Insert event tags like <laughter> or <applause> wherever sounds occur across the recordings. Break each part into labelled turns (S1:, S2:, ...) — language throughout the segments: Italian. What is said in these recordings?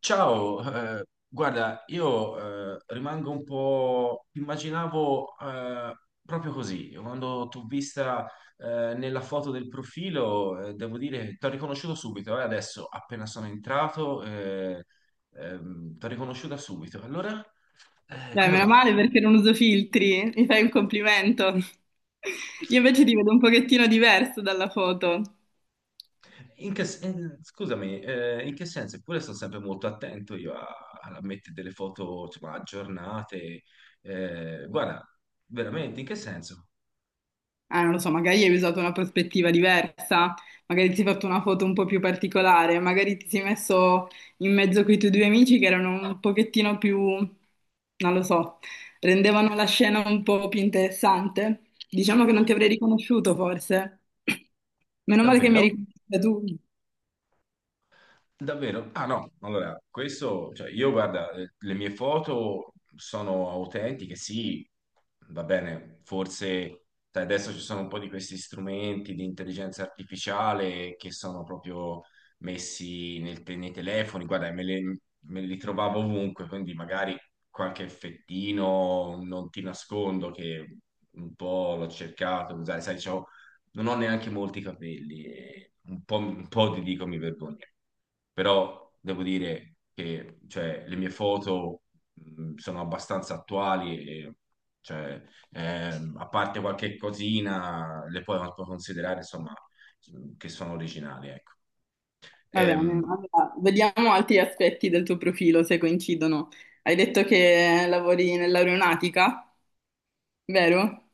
S1: Ciao, guarda, io rimango un po'... Immaginavo proprio così, quando t'ho vista nella foto del profilo, devo dire che t'ho riconosciuto subito, adesso appena sono entrato, t'ho riconosciuta subito. Allora,
S2: Dai,
S1: come
S2: meno
S1: va?
S2: male perché non uso filtri, mi fai un complimento. Io invece ti vedo un pochettino diverso dalla foto.
S1: Scusami, in che senso? Eppure sto sempre molto attento io a, a mettere delle foto, insomma, aggiornate. Guarda, veramente, in che senso?
S2: Ah, non lo so, magari hai usato una prospettiva diversa, magari ti sei fatto una foto un po' più particolare, magari ti sei messo in mezzo con i tuoi due amici che erano un pochettino più, non lo so, rendevano la scena un po' più interessante. Diciamo che non ti avrei riconosciuto forse. Meno male che mi hai
S1: Davvero?
S2: riconosciuta tu.
S1: Davvero? Ah no, allora, questo, cioè io guarda, le mie foto sono autentiche, sì, va bene, forse sai, adesso ci sono un po' di questi strumenti di intelligenza artificiale che sono proprio messi nei telefoni, guarda, me li trovavo ovunque, quindi magari qualche effettino, non ti nascondo che un po' l'ho cercato di usare, sai, non ho neanche molti capelli, e un po' ti dico mi vergogno, però devo dire che cioè, le mie foto sono abbastanza attuali e cioè, a parte qualche cosina le puoi considerare insomma che sono originali, ecco.
S2: Va bene,
S1: Ehm,
S2: allora, vediamo altri aspetti del tuo profilo se coincidono. Hai detto che lavori nell'aeronautica, vero?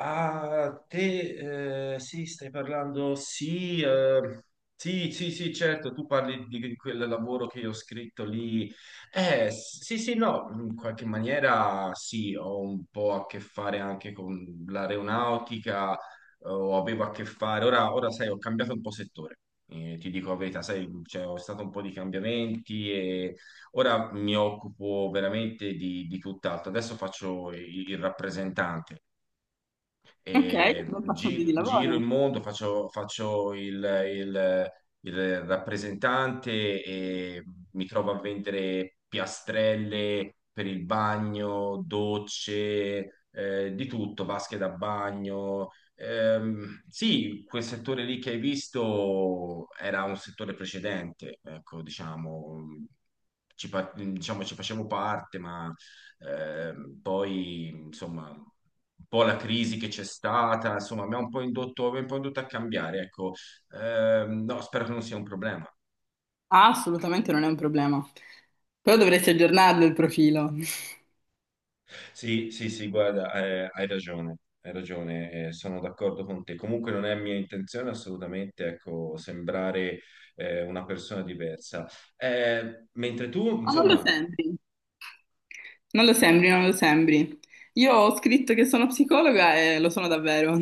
S1: Ah, te, sì, stai parlando, sì, sì, sì, sì, certo, tu parli di quel lavoro che io ho scritto lì. Sì, sì, no, in qualche maniera sì, ho un po' a che fare anche con l'aeronautica, o avevo a che fare, ora, ora sai, ho cambiato un po' settore, ti dico la verità, sai, cioè, ho stato un po' di cambiamenti e ora mi occupo veramente di tutt'altro, adesso faccio il rappresentante
S2: Ok,
S1: e
S2: bel passaggio di
S1: giro il
S2: lavoro.
S1: mondo, faccio, faccio il- il rappresentante e mi trovo a vendere piastrelle per il bagno, docce, di tutto, vasche da bagno. Sì, quel settore lì che hai visto era un settore precedente, ecco, diciamo, diciamo, ci facevo parte, ma poi, insomma, un po' la crisi che c'è stata, insomma, mi ha un po' indotto, mi ha un po' indotto a cambiare, ecco. No, spero che non sia un problema.
S2: Ah, assolutamente non è un problema. Però dovresti aggiornarlo il profilo. Ma
S1: Sì, sì, sì, guarda, hai ragione, sono d'accordo con te. Comunque non è mia intenzione assolutamente, ecco, sembrare una persona diversa. Mentre tu,
S2: non lo
S1: insomma,
S2: sembri. Non lo sembri, non lo sembri. Io ho scritto che sono psicologa e lo sono davvero.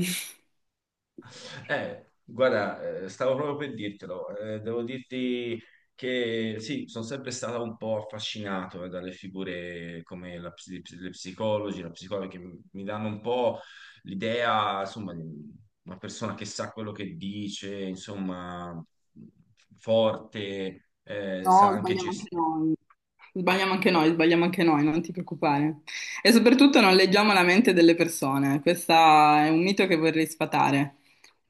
S2: <laughs>
S1: Guarda, stavo proprio per dirtelo. Devo dirti che sì, sono sempre stato un po' affascinato dalle figure come le psicologi, la psicologa, che mi danno un po' l'idea, insomma, di una persona che sa quello che dice, insomma, forte, sa
S2: No,
S1: anche
S2: sbagliamo anche
S1: gestire.
S2: noi. Sbagliamo anche noi, sbagliamo anche noi, non ti preoccupare. E soprattutto non leggiamo la mente delle persone. Questo è un mito che vorrei sfatare.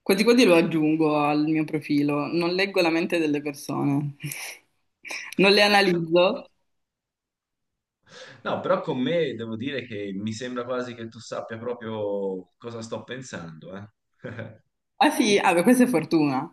S2: Quasi quasi lo aggiungo al mio profilo. Non leggo la mente delle persone. <laughs> Non le
S1: No,
S2: analizzo.
S1: no, però con me devo dire che mi sembra quasi che tu sappia proprio cosa sto pensando, eh.
S2: Ah sì, ah, beh, questa è fortuna.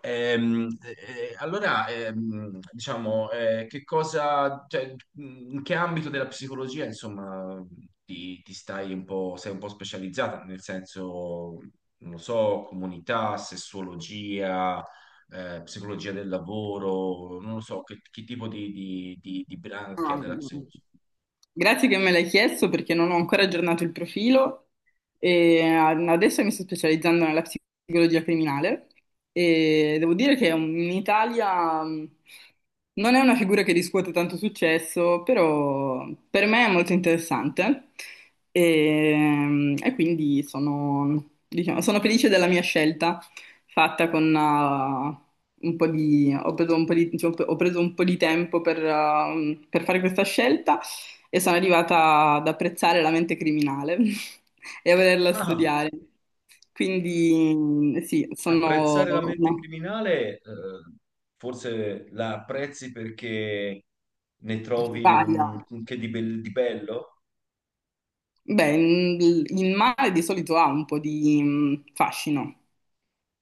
S1: Allora, diciamo, che cosa, cioè, in che ambito della psicologia, insomma, ti stai un po', sei un po' specializzata, nel senso, non lo so, comunità, sessuologia, psicologia del lavoro, non lo so, che tipo di, di branchia
S2: Ah,
S1: della psicologia?
S2: grazie che me l'hai chiesto perché non ho ancora aggiornato il profilo e adesso mi sto specializzando nella psicologia criminale e devo dire che in Italia non è una figura che riscuote tanto successo, però per me è molto interessante e, e quindi sono, diciamo, sono felice della mia scelta fatta con un po' di... Ho preso un po' di, diciamo, ho preso un po' di tempo per fare questa scelta e sono arrivata ad apprezzare la mente criminale <laughs> e a volerla
S1: Ah.
S2: studiare. Quindi sì, sono
S1: Apprezzare la mente
S2: una
S1: criminale, forse la apprezzi perché ne trovi
S2: varia.
S1: un che di, di bello.
S2: Beh, il mare di solito ha un po' di fascino.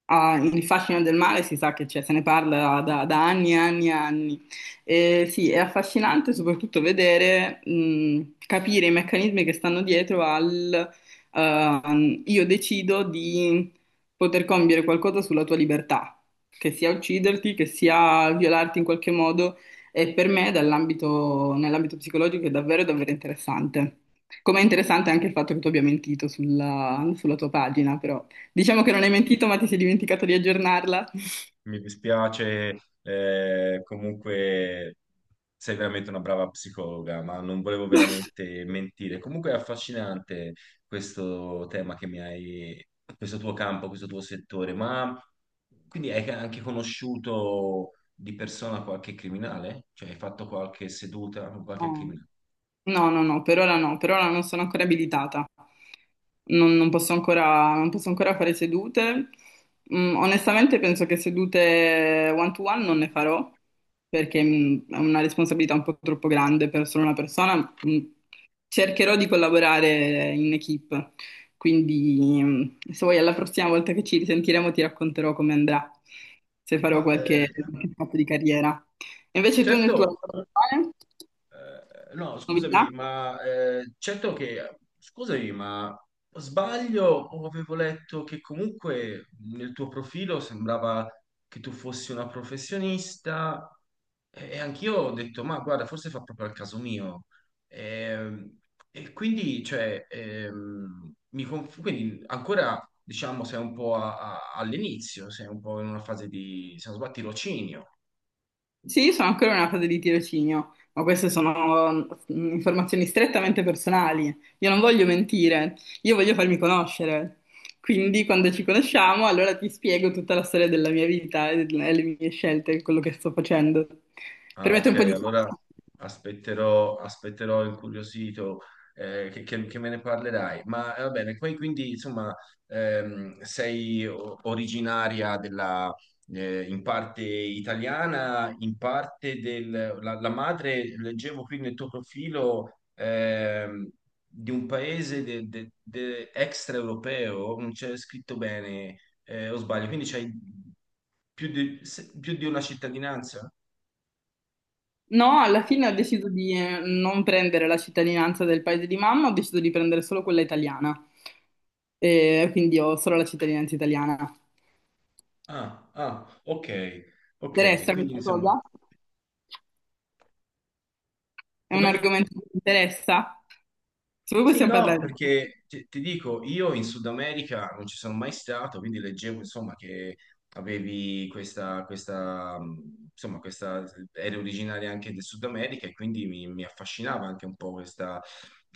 S2: Ah, il fascino del mare si sa che c'è, se ne parla da, da anni e anni e anni. E sì, è affascinante soprattutto vedere, capire i meccanismi che stanno dietro al io decido di poter compiere qualcosa sulla tua libertà, che sia ucciderti, che sia violarti in qualche modo. E per me, dall'ambito, nell'ambito psicologico, è davvero, davvero interessante. Com'è interessante anche il fatto che tu abbia mentito sulla, sulla tua pagina, però. Diciamo che non hai mentito, ma ti sei dimenticato di aggiornarla.
S1: Mi dispiace, comunque sei veramente una brava psicologa, ma non volevo
S2: <laughs>
S1: veramente mentire. Comunque è affascinante questo tema che mi hai, questo tuo campo, questo tuo settore, ma quindi hai anche conosciuto di persona qualche criminale? Cioè hai fatto qualche seduta con qualche
S2: No.
S1: criminale?
S2: No, no, no, per ora no, per ora non sono ancora abilitata. Non, non posso ancora, non posso ancora fare sedute. Mm, onestamente penso che sedute one to one non ne farò perché è una responsabilità un po' troppo grande per solo una persona. Mm, cercherò di collaborare in equipe, quindi se vuoi alla prossima volta che ci risentiremo ti racconterò come andrà, se farò
S1: Ma eh,
S2: qualche fatto di carriera. E invece tu nel tuo
S1: certo,
S2: lavoro attuale,
S1: no,
S2: novità?
S1: scusami, certo che, scusami, ma sbaglio o avevo letto che comunque nel tuo profilo sembrava che tu fossi una professionista e anch'io ho detto, ma guarda, forse fa proprio al caso mio. Ehm, E, quindi, cioè, quindi ancora, diciamo, sei un po' all'inizio, sei un po' in una fase di, se non sbaglio, tirocinio.
S2: Sì, sono ancora in una fase di tirocinio, ma queste sono informazioni strettamente personali. Io non voglio mentire, io voglio farmi conoscere. Quindi, quando ci conosciamo, allora ti spiego tutta la storia della mia vita e le mie scelte, quello che sto facendo. Per
S1: Ah,
S2: mettere
S1: ok,
S2: un po' di... <laughs>
S1: allora aspetterò, aspetterò incuriosito che, che me ne parlerai. Va bene, poi quindi insomma sei originaria della, in parte italiana, in parte del... La, la madre, leggevo qui nel tuo profilo, di un paese extraeuropeo, non c'è scritto bene, o sbaglio, quindi c'hai più di, più di una cittadinanza?
S2: No, alla fine ho deciso di non prendere la cittadinanza del paese di mamma, ho deciso di prendere solo quella italiana. E quindi ho solo la cittadinanza italiana. Ti
S1: Ah, ah, ok, ok,
S2: interessa
S1: quindi
S2: questa
S1: insomma,
S2: cosa? È un
S1: come?
S2: argomento che mi interessa? Se voi
S1: Sì,
S2: possiamo
S1: no,
S2: parlare di questo,
S1: perché ti dico, io in Sud America non ci sono mai stato, quindi leggevo insomma che avevi questa, questa, insomma, questa, eri originaria anche del Sud America e quindi mi affascinava anche un po' questa,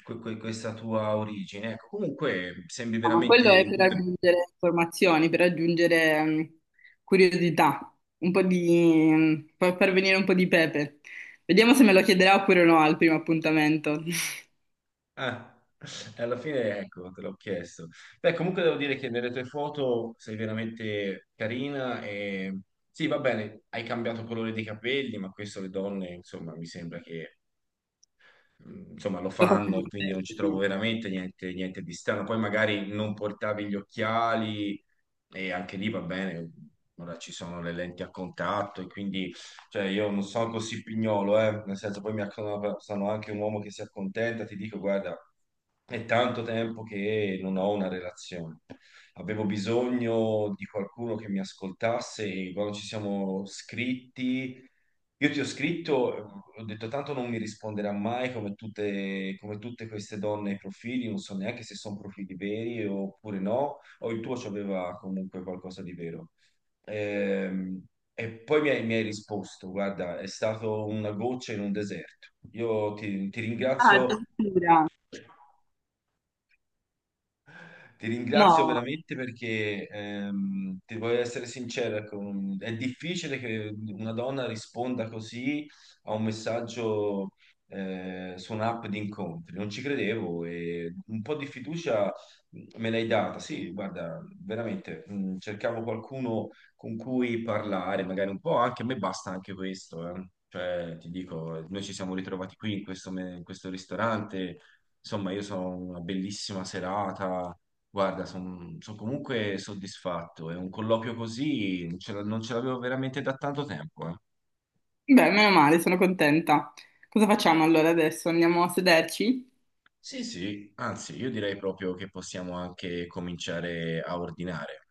S1: questa tua origine. Ecco, comunque sembri
S2: ma quello
S1: veramente
S2: è
S1: in
S2: per
S1: tutto.
S2: aggiungere informazioni, per aggiungere curiosità, un po' di, per far venire un po' di pepe. Vediamo se me lo chiederà oppure no al primo appuntamento. <laughs>
S1: Ah, e alla fine ecco, te l'ho chiesto. Beh, comunque devo dire che nelle tue foto sei veramente carina e sì, va bene, hai cambiato colore dei capelli, ma questo le donne, insomma, mi sembra che insomma, lo
S2: Lo
S1: fanno
S2: facciamo
S1: e quindi
S2: così.
S1: non ci trovo
S2: Sì.
S1: veramente niente, niente di strano. Poi magari non portavi gli occhiali e anche lì va bene, ora ci sono le lenti a contatto e quindi cioè, io non sono così pignolo, nel senso poi sono anche un uomo che si accontenta, ti dico, guarda, è tanto tempo che non ho una relazione. Avevo bisogno di qualcuno che mi ascoltasse e quando ci siamo scritti io ti ho scritto, ho detto tanto non mi risponderà mai come tutte, come tutte queste donne ai profili, non so neanche se sono profili veri oppure no, o il tuo c'aveva comunque qualcosa di vero. Ehm, e poi mi hai risposto, guarda, è stato una goccia in un deserto. Io ti
S2: Ah,
S1: ringrazio.
S2: addirittura.
S1: Ti ringrazio
S2: No.
S1: veramente perché ti voglio essere sincero, ecco, è difficile che una donna risponda così a un messaggio su un'app di incontri. Non ci credevo e un po' di fiducia me l'hai data. Sì, guarda, veramente cercavo qualcuno con cui parlare, magari un po', anche a me basta anche questo, eh. Cioè, ti dico, noi ci siamo ritrovati qui in questo ristorante. Insomma, io sono una bellissima serata. Guarda, sono comunque soddisfatto. È un colloquio così, non non ce l'avevo veramente da tanto tempo, eh.
S2: Beh, meno male, sono contenta. Cosa facciamo allora adesso? Andiamo a sederci?
S1: Sì, sì, anzi, io direi proprio che possiamo anche cominciare a ordinare.